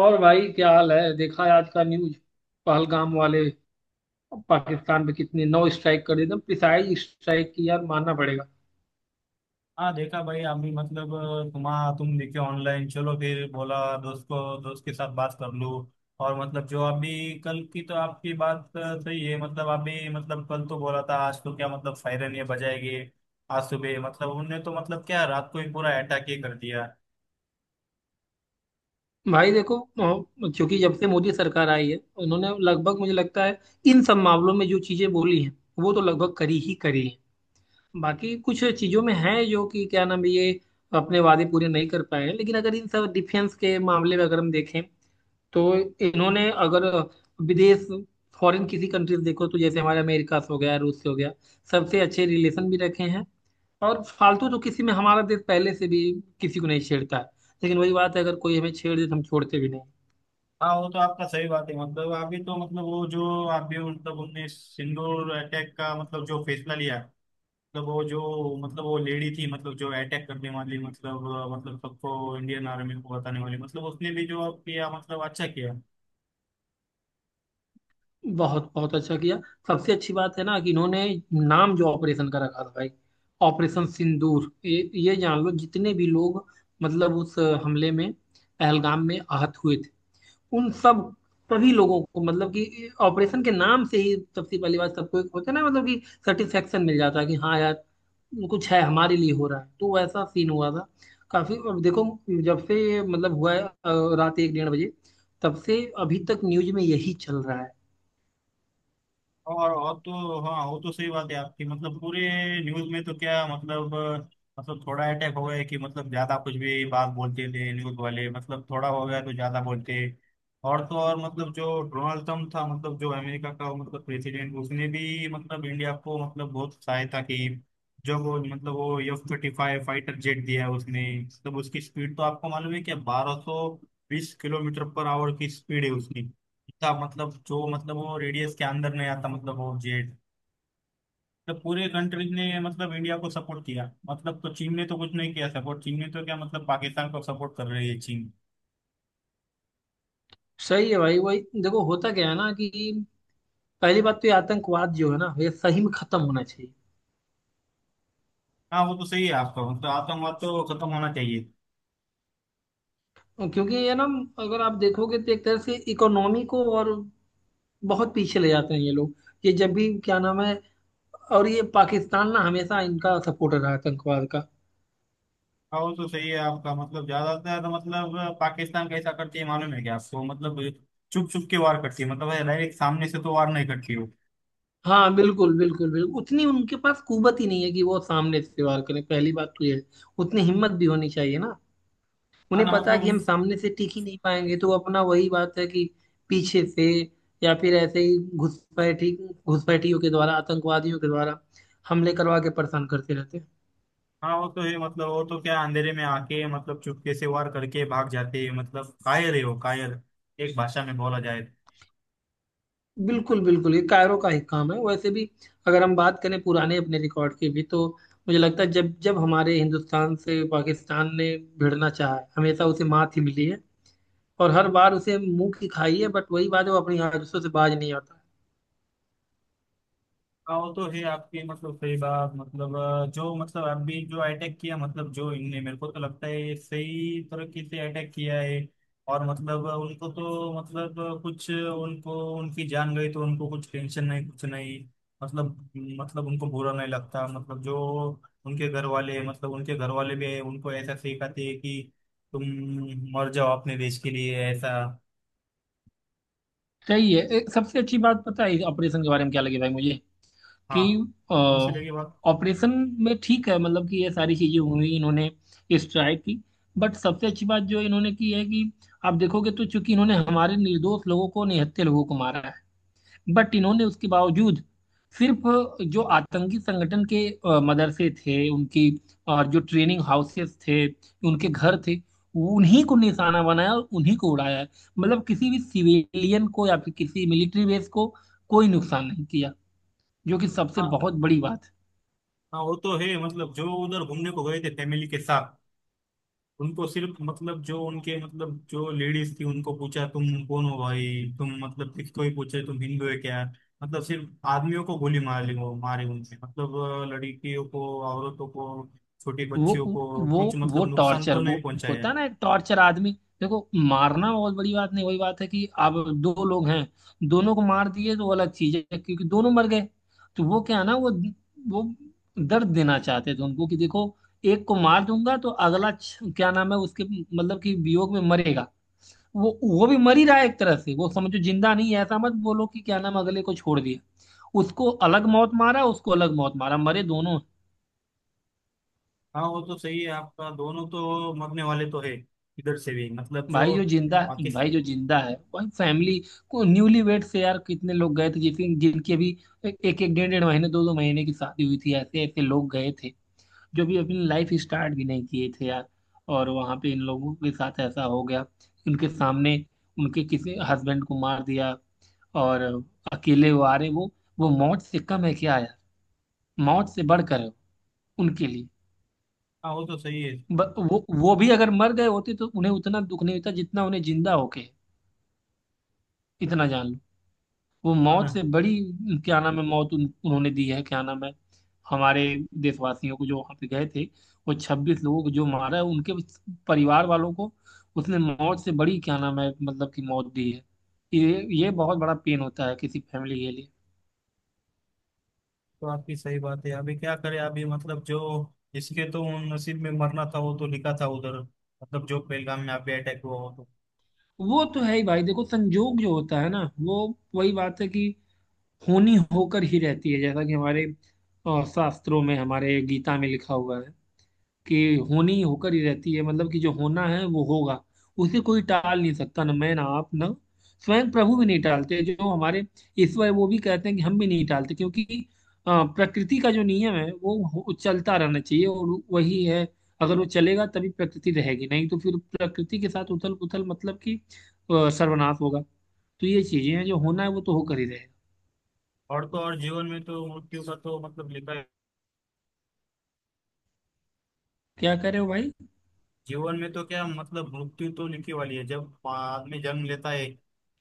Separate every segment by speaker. Speaker 1: और भाई क्या हाल है? देखा है आज का न्यूज? पहलगाम वाले पाकिस्तान पे कितने 9 स्ट्राइक कर, एकदम प्रिसाइज स्ट्राइक की यार। मानना पड़ेगा।
Speaker 2: हाँ, देखा भाई। हम भी तुम देखे ऑनलाइन। चलो फिर बोला दोस्त को दोस्त के साथ बात कर लूँ। और मतलब जो अभी कल की तो आपकी बात सही है। मतलब अभी मतलब कल तो बोला था, आज तो क्या मतलब सायरन ये बजाएगी। आज सुबह मतलब उनने तो मतलब क्या रात को ही पूरा अटैक ही कर दिया।
Speaker 1: भाई देखो, चूंकि जब से मोदी सरकार आई है, उन्होंने लगभग, मुझे लगता है, इन सब मामलों में जो चीजें बोली हैं वो तो लगभग करी ही करी है। बाकी कुछ चीजों में है जो कि क्या नाम है, ये अपने वादे पूरे नहीं कर पाए हैं, लेकिन अगर इन सब डिफेंस के मामले में अगर हम देखें तो इन्होंने, अगर विदेश, फॉरेन किसी कंट्रीज देखो तो जैसे हमारे अमेरिका से हो गया, रूस से हो गया, सबसे अच्छे रिलेशन भी रखे हैं। और फालतू तो किसी में हमारा देश पहले से भी किसी को नहीं छेड़ता है, लेकिन वही बात है, अगर कोई हमें छेड़ दे तो हम छोड़ते भी नहीं।
Speaker 2: हाँ, वो तो आपका सही बात है। मतलब अभी तो मतलब वो जो अभी मतलब उनने सिंदूर अटैक का मतलब जो फैसला लिया मतलब वो जो मतलब वो लेडी थी मतलब जो अटैक करने वाली मतलब सबको इंडियन आर्मी को बताने वाली मतलब उसने भी जो किया मतलब अच्छा किया।
Speaker 1: बहुत बहुत अच्छा किया। सबसे अच्छी बात है ना कि इन्होंने नाम जो ऑपरेशन का रखा था भाई, ऑपरेशन सिंदूर। ये जान लो जितने भी लोग मतलब उस हमले में पहलगाम में आहत हुए, उन सब सभी लोगों को मतलब कि ऑपरेशन के नाम से ही सबसे पहली बात, सबको एक होता है ना, मतलब कि सेटिस्फेक्शन मिल जाता है कि हाँ यार, कुछ है हमारे लिए हो रहा है। तो ऐसा सीन हुआ था काफी। अब देखो, जब से ये मतलब हुआ है रात एक डेढ़ बजे, तब से अभी तक न्यूज में यही चल रहा है।
Speaker 2: और तो हाँ, वो तो सही बात है आपकी। मतलब पूरे न्यूज में तो क्या मतलब थोड़ा अटैक हो गया कि मतलब ज्यादा कुछ भी बात बोलते थे न्यूज वाले, मतलब थोड़ा हो गया तो ज्यादा बोलते। और तो और मतलब जो डोनाल्ड ट्रम्प था मतलब जो अमेरिका का मतलब प्रेसिडेंट, उसने भी मतलब इंडिया को मतलब बहुत सहायता की। जो वो मतलब वो F-35 फाइटर जेट दिया उसने, मतलब उसकी स्पीड तो आपको मालूम है क्या? 1220 किलोमीटर पर आवर की स्पीड है उसकी। था मतलब जो मतलब वो रेडियस के अंदर नहीं आता, मतलब वो जेड। मतलब पूरे कंट्रीज ने मतलब इंडिया को सपोर्ट किया मतलब। तो चीन ने तो कुछ नहीं किया सपोर्ट। चीन ने तो क्या मतलब पाकिस्तान को सपोर्ट कर रही है चीन।
Speaker 1: सही है भाई। वही देखो होता क्या है ना कि पहली बात तो ये आतंकवाद जो है ना ये सही में खत्म होना चाहिए,
Speaker 2: हाँ, वो तो सही है आपका। मतलब आतंकवाद तो खत्म होना चाहिए।
Speaker 1: क्योंकि ये ना अगर आप देखोगे तो एक तरह से इकोनॉमी को और बहुत पीछे ले जाते हैं ये लोग। ये जब भी क्या नाम है, और ये पाकिस्तान ना हमेशा इनका सपोर्टर रहा है आतंकवाद का।
Speaker 2: हाँ, वो तो सही है आपका। मतलब ज्यादातर तो, मतलब पाकिस्तान कैसा करती है मालूम है क्या आपको? मतलब छुप छुप के वार करती है, मतलब डायरेक्ट सामने से तो वार नहीं करती वो।
Speaker 1: हाँ बिल्कुल बिल्कुल बिल्कुल, उतनी उनके पास कुवत ही नहीं है कि वो सामने से वार करें, पहली बात तो ये है। उतनी हिम्मत भी होनी चाहिए ना।
Speaker 2: हाँ
Speaker 1: उन्हें
Speaker 2: ना
Speaker 1: पता है कि हम
Speaker 2: मतलब।
Speaker 1: सामने से टिक ही नहीं पाएंगे तो अपना वही बात है कि पीछे से, या फिर ऐसे ही घुसपैठी, घुसपैठियों के द्वारा, आतंकवादियों के द्वारा हमले करवा के परेशान करते रहते हैं।
Speaker 2: हाँ, वो तो है। मतलब वो तो क्या अंधेरे में आके मतलब चुपके से वार करके भाग जाते हैं। मतलब कायर है वो, कायर एक भाषा में बोला जाए तो।
Speaker 1: बिल्कुल बिल्कुल, ये कायरो का ही काम है वैसे भी। अगर हम बात करें पुराने अपने रिकॉर्ड की भी, तो मुझे लगता है जब जब हमारे हिंदुस्तान से पाकिस्तान ने भिड़ना चाहा है, हमेशा उसे मात ही मिली है। और हर बार उसे मुंह की खाई है, बट वही बात है, वो अपनी आदतों से बाज नहीं आता।
Speaker 2: हाँ, वो तो है आपकी मतलब सही बात। मतलब जो मतलब अभी जो अटैक किया मतलब जो इनने, मेरे को तो लगता है ये सही तरीके से अटैक किया है। और मतलब उनको तो मतलब कुछ उनको उनकी जान गई तो उनको कुछ टेंशन नहीं, कुछ नहीं। मतलब उनको बुरा नहीं लगता। मतलब जो उनके घर वाले मतलब उनके घर वाले भी उनको ऐसा सिखाते हैं कि तुम मर जाओ अपने देश के लिए, ऐसा।
Speaker 1: सही है। एक सबसे अच्छी बात पता है ऑपरेशन के बारे में क्या लगी भाई मुझे,
Speaker 2: हाँ।
Speaker 1: कि
Speaker 2: कौन सी लगी बात?
Speaker 1: ऑपरेशन में ठीक है, मतलब कि ये सारी चीजें हुई, इन्होंने स्ट्राइक की, बट सबसे अच्छी बात जो इन्होंने की है कि आप देखोगे तो, चूंकि इन्होंने हमारे निर्दोष लोगों को, निहत्थे लोगों को मारा है, बट इन्होंने उसके बावजूद सिर्फ जो आतंकी संगठन के मदरसे थे उनकी, जो ट्रेनिंग हाउसेस थे, उनके घर थे, उन्हीं को निशाना बनाया और उन्हीं को उड़ाया है। मतलब किसी भी सिविलियन को या फिर किसी मिलिट्री बेस को कोई नुकसान नहीं किया, जो कि सबसे बहुत बड़ी बात है।
Speaker 2: हाँ, वो तो है। मतलब जो उधर घूमने को गए थे फैमिली के साथ उनको सिर्फ मतलब जो उनके मतलब जो लेडीज थी उनको पूछा तुम कौन हो भाई? तुम मतलब किसको ही पूछे तुम हिंदू है क्या? मतलब सिर्फ आदमियों को गोली मार ली वो, मारे उनसे मतलब लड़कियों को, औरतों को, छोटी
Speaker 1: वो
Speaker 2: बच्चियों को
Speaker 1: वो
Speaker 2: कुछ
Speaker 1: वो
Speaker 2: मतलब नुकसान
Speaker 1: टॉर्चर,
Speaker 2: तो
Speaker 1: वो
Speaker 2: नहीं पहुंचाया।
Speaker 1: होता है ना, एक टॉर्चर। आदमी देखो, मारना बहुत बड़ी बात नहीं, वही बात है कि आप दो लोग हैं, दोनों को मार दिए तो वो अलग चीज है क्योंकि दोनों मर गए। तो वो क्या है ना, वो दर्द देना चाहते थे उनको कि देखो, एक को मार दूंगा तो अगला क्या नाम है उसके, मतलब कि वियोग में मरेगा। वो भी मर ही रहा है एक तरह से, वो समझो जिंदा नहीं है। ऐसा मत बोलो कि क्या नाम है, अगले को छोड़ दिया, उसको अलग मौत मारा, उसको अलग मौत मारा, मरे दोनों।
Speaker 2: हाँ, वो तो सही है आपका। दोनों तो मरने वाले तो है। इधर से भी मतलब
Speaker 1: भाई
Speaker 2: जो
Speaker 1: जो जिंदा
Speaker 2: पाकिस्तान।
Speaker 1: भाई जो जिंदा है वही फैमिली को, न्यूली वेड से यार कितने लोग गए थे, जिसकी जिनकी अभी एक एक डेढ़ डेढ़ महीने, दो दो महीने की शादी हुई थी, ऐसे ऐसे लोग गए थे, जो भी अपनी लाइफ स्टार्ट भी नहीं किए थे यार। और वहां पे इन लोगों के साथ ऐसा हो गया, उनके सामने उनके किसी हस्बैंड को मार दिया और अकेले वो आ रहे, वो मौत से कम है क्या यार? मौत से बढ़कर है उनके लिए।
Speaker 2: हाँ, वो तो सही है।
Speaker 1: ब, वो भी अगर मर गए होते तो उन्हें उतना दुख नहीं होता जितना उन्हें जिंदा होके है। इतना जान लो वो
Speaker 2: हाँ
Speaker 1: मौत
Speaker 2: ना।
Speaker 1: से बड़ी क्या नाम है मौत उन्होंने दी है, क्या नाम है हमारे देशवासियों को जो वहां पे गए थे, वो 26 लोगों को जो मारा है उनके परिवार वालों को, उसने मौत से बड़ी क्या नाम है मतलब कि मौत दी है। ये बहुत बड़ा पेन होता है किसी फैमिली के लिए।
Speaker 2: तो आपकी सही बात है। अभी क्या करें? अभी मतलब जो जिसके तो नसीब में मरना था वो तो लिखा था उधर। मतलब जो पहलगाम में अभी अटैक हुआ हो तो।
Speaker 1: वो तो है ही भाई, देखो संजोग जो होता है ना वो वही बात है कि होनी होकर ही रहती है, जैसा कि हमारे शास्त्रों में, हमारे गीता में लिखा हुआ है कि होनी ही होकर ही रहती है, मतलब कि जो होना है वो होगा। उसे कोई टाल नहीं सकता, ना मैं, ना आप, ना स्वयं प्रभु भी नहीं टालते। जो हमारे ईश्वर है, वो भी कहते हैं कि हम भी नहीं टालते, क्योंकि प्रकृति का जो नियम है वो चलता रहना चाहिए और वही है। अगर वो चलेगा तभी प्रकृति रहेगी, नहीं तो फिर प्रकृति के साथ उथल पुथल, मतलब कि सर्वनाश होगा। तो ये चीजें हैं, जो होना है वो तो होकर ही रहेगा।
Speaker 2: और तो और जीवन में तो मृत्यु का तो मतलब लिखा।
Speaker 1: क्या कह रहे हो भाई?
Speaker 2: जीवन में तो क्या मतलब मृत्यु तो लिखी वाली है। जब आदमी जन्म लेता है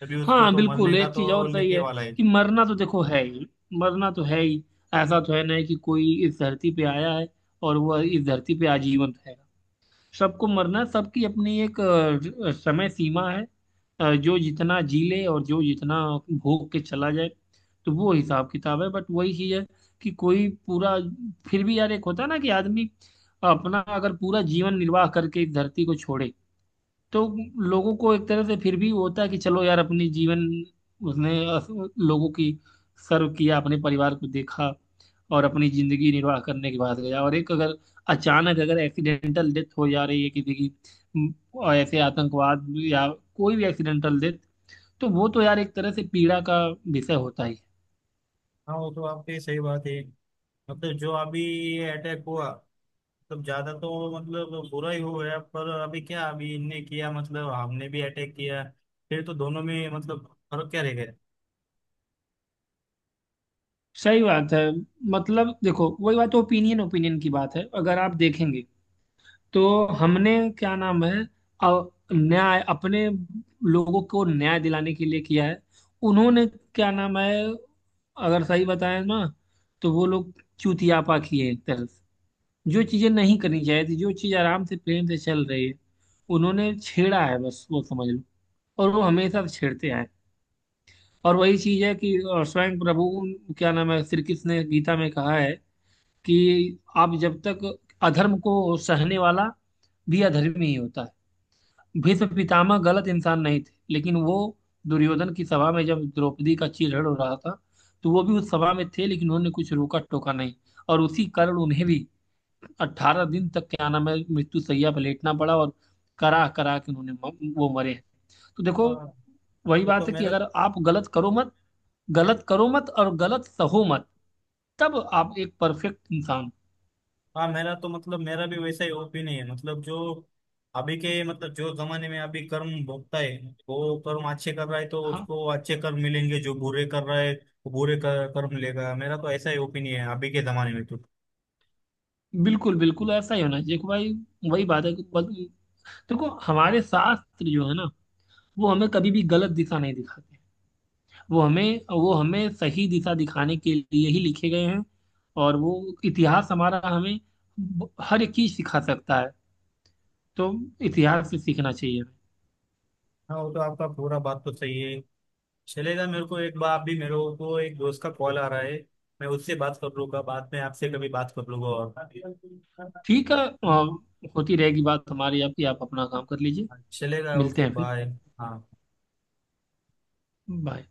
Speaker 2: तभी उसको
Speaker 1: हाँ
Speaker 2: तो
Speaker 1: बिल्कुल।
Speaker 2: मरने का
Speaker 1: एक चीज
Speaker 2: तो
Speaker 1: और सही
Speaker 2: लिखे
Speaker 1: है
Speaker 2: वाला है।
Speaker 1: कि मरना तो देखो है ही, मरना तो है ही। ऐसा तो है नहीं कि कोई इस धरती पे आया है और वह इस धरती पे आजीवन रहेगा। सबको मरना है, सबकी अपनी एक समय सीमा है। जो जितना जी ले और जो जितना भोग के चला जाए, तो वो हिसाब किताब है। बट वही चीज है कि कोई पूरा, फिर भी यार एक होता है ना कि आदमी अपना अगर पूरा जीवन निर्वाह करके इस धरती को छोड़े, तो लोगों को एक तरह से फिर भी होता है कि चलो यार अपनी जीवन उसने लोगों की सर्व किया, अपने परिवार को देखा और अपनी जिंदगी निर्वाह करने के बाद गया। और एक अगर अचानक अगर एक्सीडेंटल डेथ हो जा रही है किसी की, और ऐसे आतंकवाद या कोई भी एक्सीडेंटल डेथ, तो वो तो यार एक तरह से पीड़ा का विषय होता ही है।
Speaker 2: हाँ, वो तो आपकी सही बात है। मतलब जो अभी अटैक हुआ मतलब ज्यादा तो मतलब बुरा ही हो गया, पर अभी क्या अभी इनने किया मतलब हमने भी अटैक किया। फिर तो दोनों में मतलब फर्क क्या रह गया?
Speaker 1: सही बात है। मतलब देखो वही बात, ओपिनियन ओपिनियन की बात है। अगर आप देखेंगे तो हमने क्या नाम है न्याय, अपने लोगों को न्याय दिलाने के लिए किया है। उन्होंने क्या नाम है, अगर सही बताएं ना तो वो लोग चूतियापा किए एक तरह से। जो चीजें नहीं करनी चाहिए थी, जो चीज आराम से प्रेम से चल रही है, उन्होंने छेड़ा है, बस वो समझ लो। और वो हमेशा से छेड़ते आए हैं। और वही चीज है कि स्वयं प्रभु क्या नाम है, श्री कृष्ण ने गीता में कहा है कि आप जब तक, अधर्म को सहने वाला भी अधर्मी ही होता है। भीष्म पितामह गलत इंसान नहीं थे, लेकिन वो दुर्योधन की सभा में जब द्रौपदी का चीरहरण हो रहा था तो वो भी उस सभा में थे, लेकिन उन्होंने कुछ रोका टोका नहीं। और उसी कारण उन्हें भी 18 दिन तक क्या नाम है मृत्यु शैया पर लेटना पड़ा, और करा करा के उन्होंने वो मरे। तो देखो
Speaker 2: हाँ,
Speaker 1: वही
Speaker 2: वो
Speaker 1: बात
Speaker 2: तो
Speaker 1: है कि
Speaker 2: मेरा।
Speaker 1: अगर आप गलत करो मत, गलत करो मत और गलत सहो मत, तब आप एक परफेक्ट इंसान हो।
Speaker 2: हाँ, मेरा तो मतलब मेरा भी वैसा ही ओपिनियन है। मतलब जो अभी के मतलब जो जमाने में अभी कर्म भोगता है वो, कर्म अच्छे कर रहा है तो
Speaker 1: हाँ
Speaker 2: उसको अच्छे कर्म मिलेंगे। जो बुरे कर रहा है वो बुरे कर्म लेगा। मेरा तो ऐसा ही ओपिनियन है अभी के जमाने में तो।
Speaker 1: बिल्कुल बिल्कुल, ऐसा ही होना चाहिए कि भाई वही बात है कि देखो हमारे शास्त्र जो है ना वो हमें कभी भी गलत दिशा नहीं दिखाते। वो हमें, वो हमें सही दिशा दिखाने के लिए ही लिखे गए हैं। और वो इतिहास हमारा हमें हर एक चीज सिखा सकता है। तो इतिहास से सीखना चाहिए हमें।
Speaker 2: हाँ, वो तो आपका पूरा बात तो सही है। चलेगा, मेरे को एक बार अभी मेरे को एक दोस्त का कॉल आ रहा है। मैं उससे बात कर लूंगा, बाद में आपसे कभी बात कर लूंगा, और
Speaker 1: ठीक है, होती रहेगी बात हमारी आपकी, आप अपना काम कर लीजिए।
Speaker 2: चलेगा।
Speaker 1: मिलते
Speaker 2: ओके,
Speaker 1: हैं फिर।
Speaker 2: बाय। हाँ।
Speaker 1: बाय।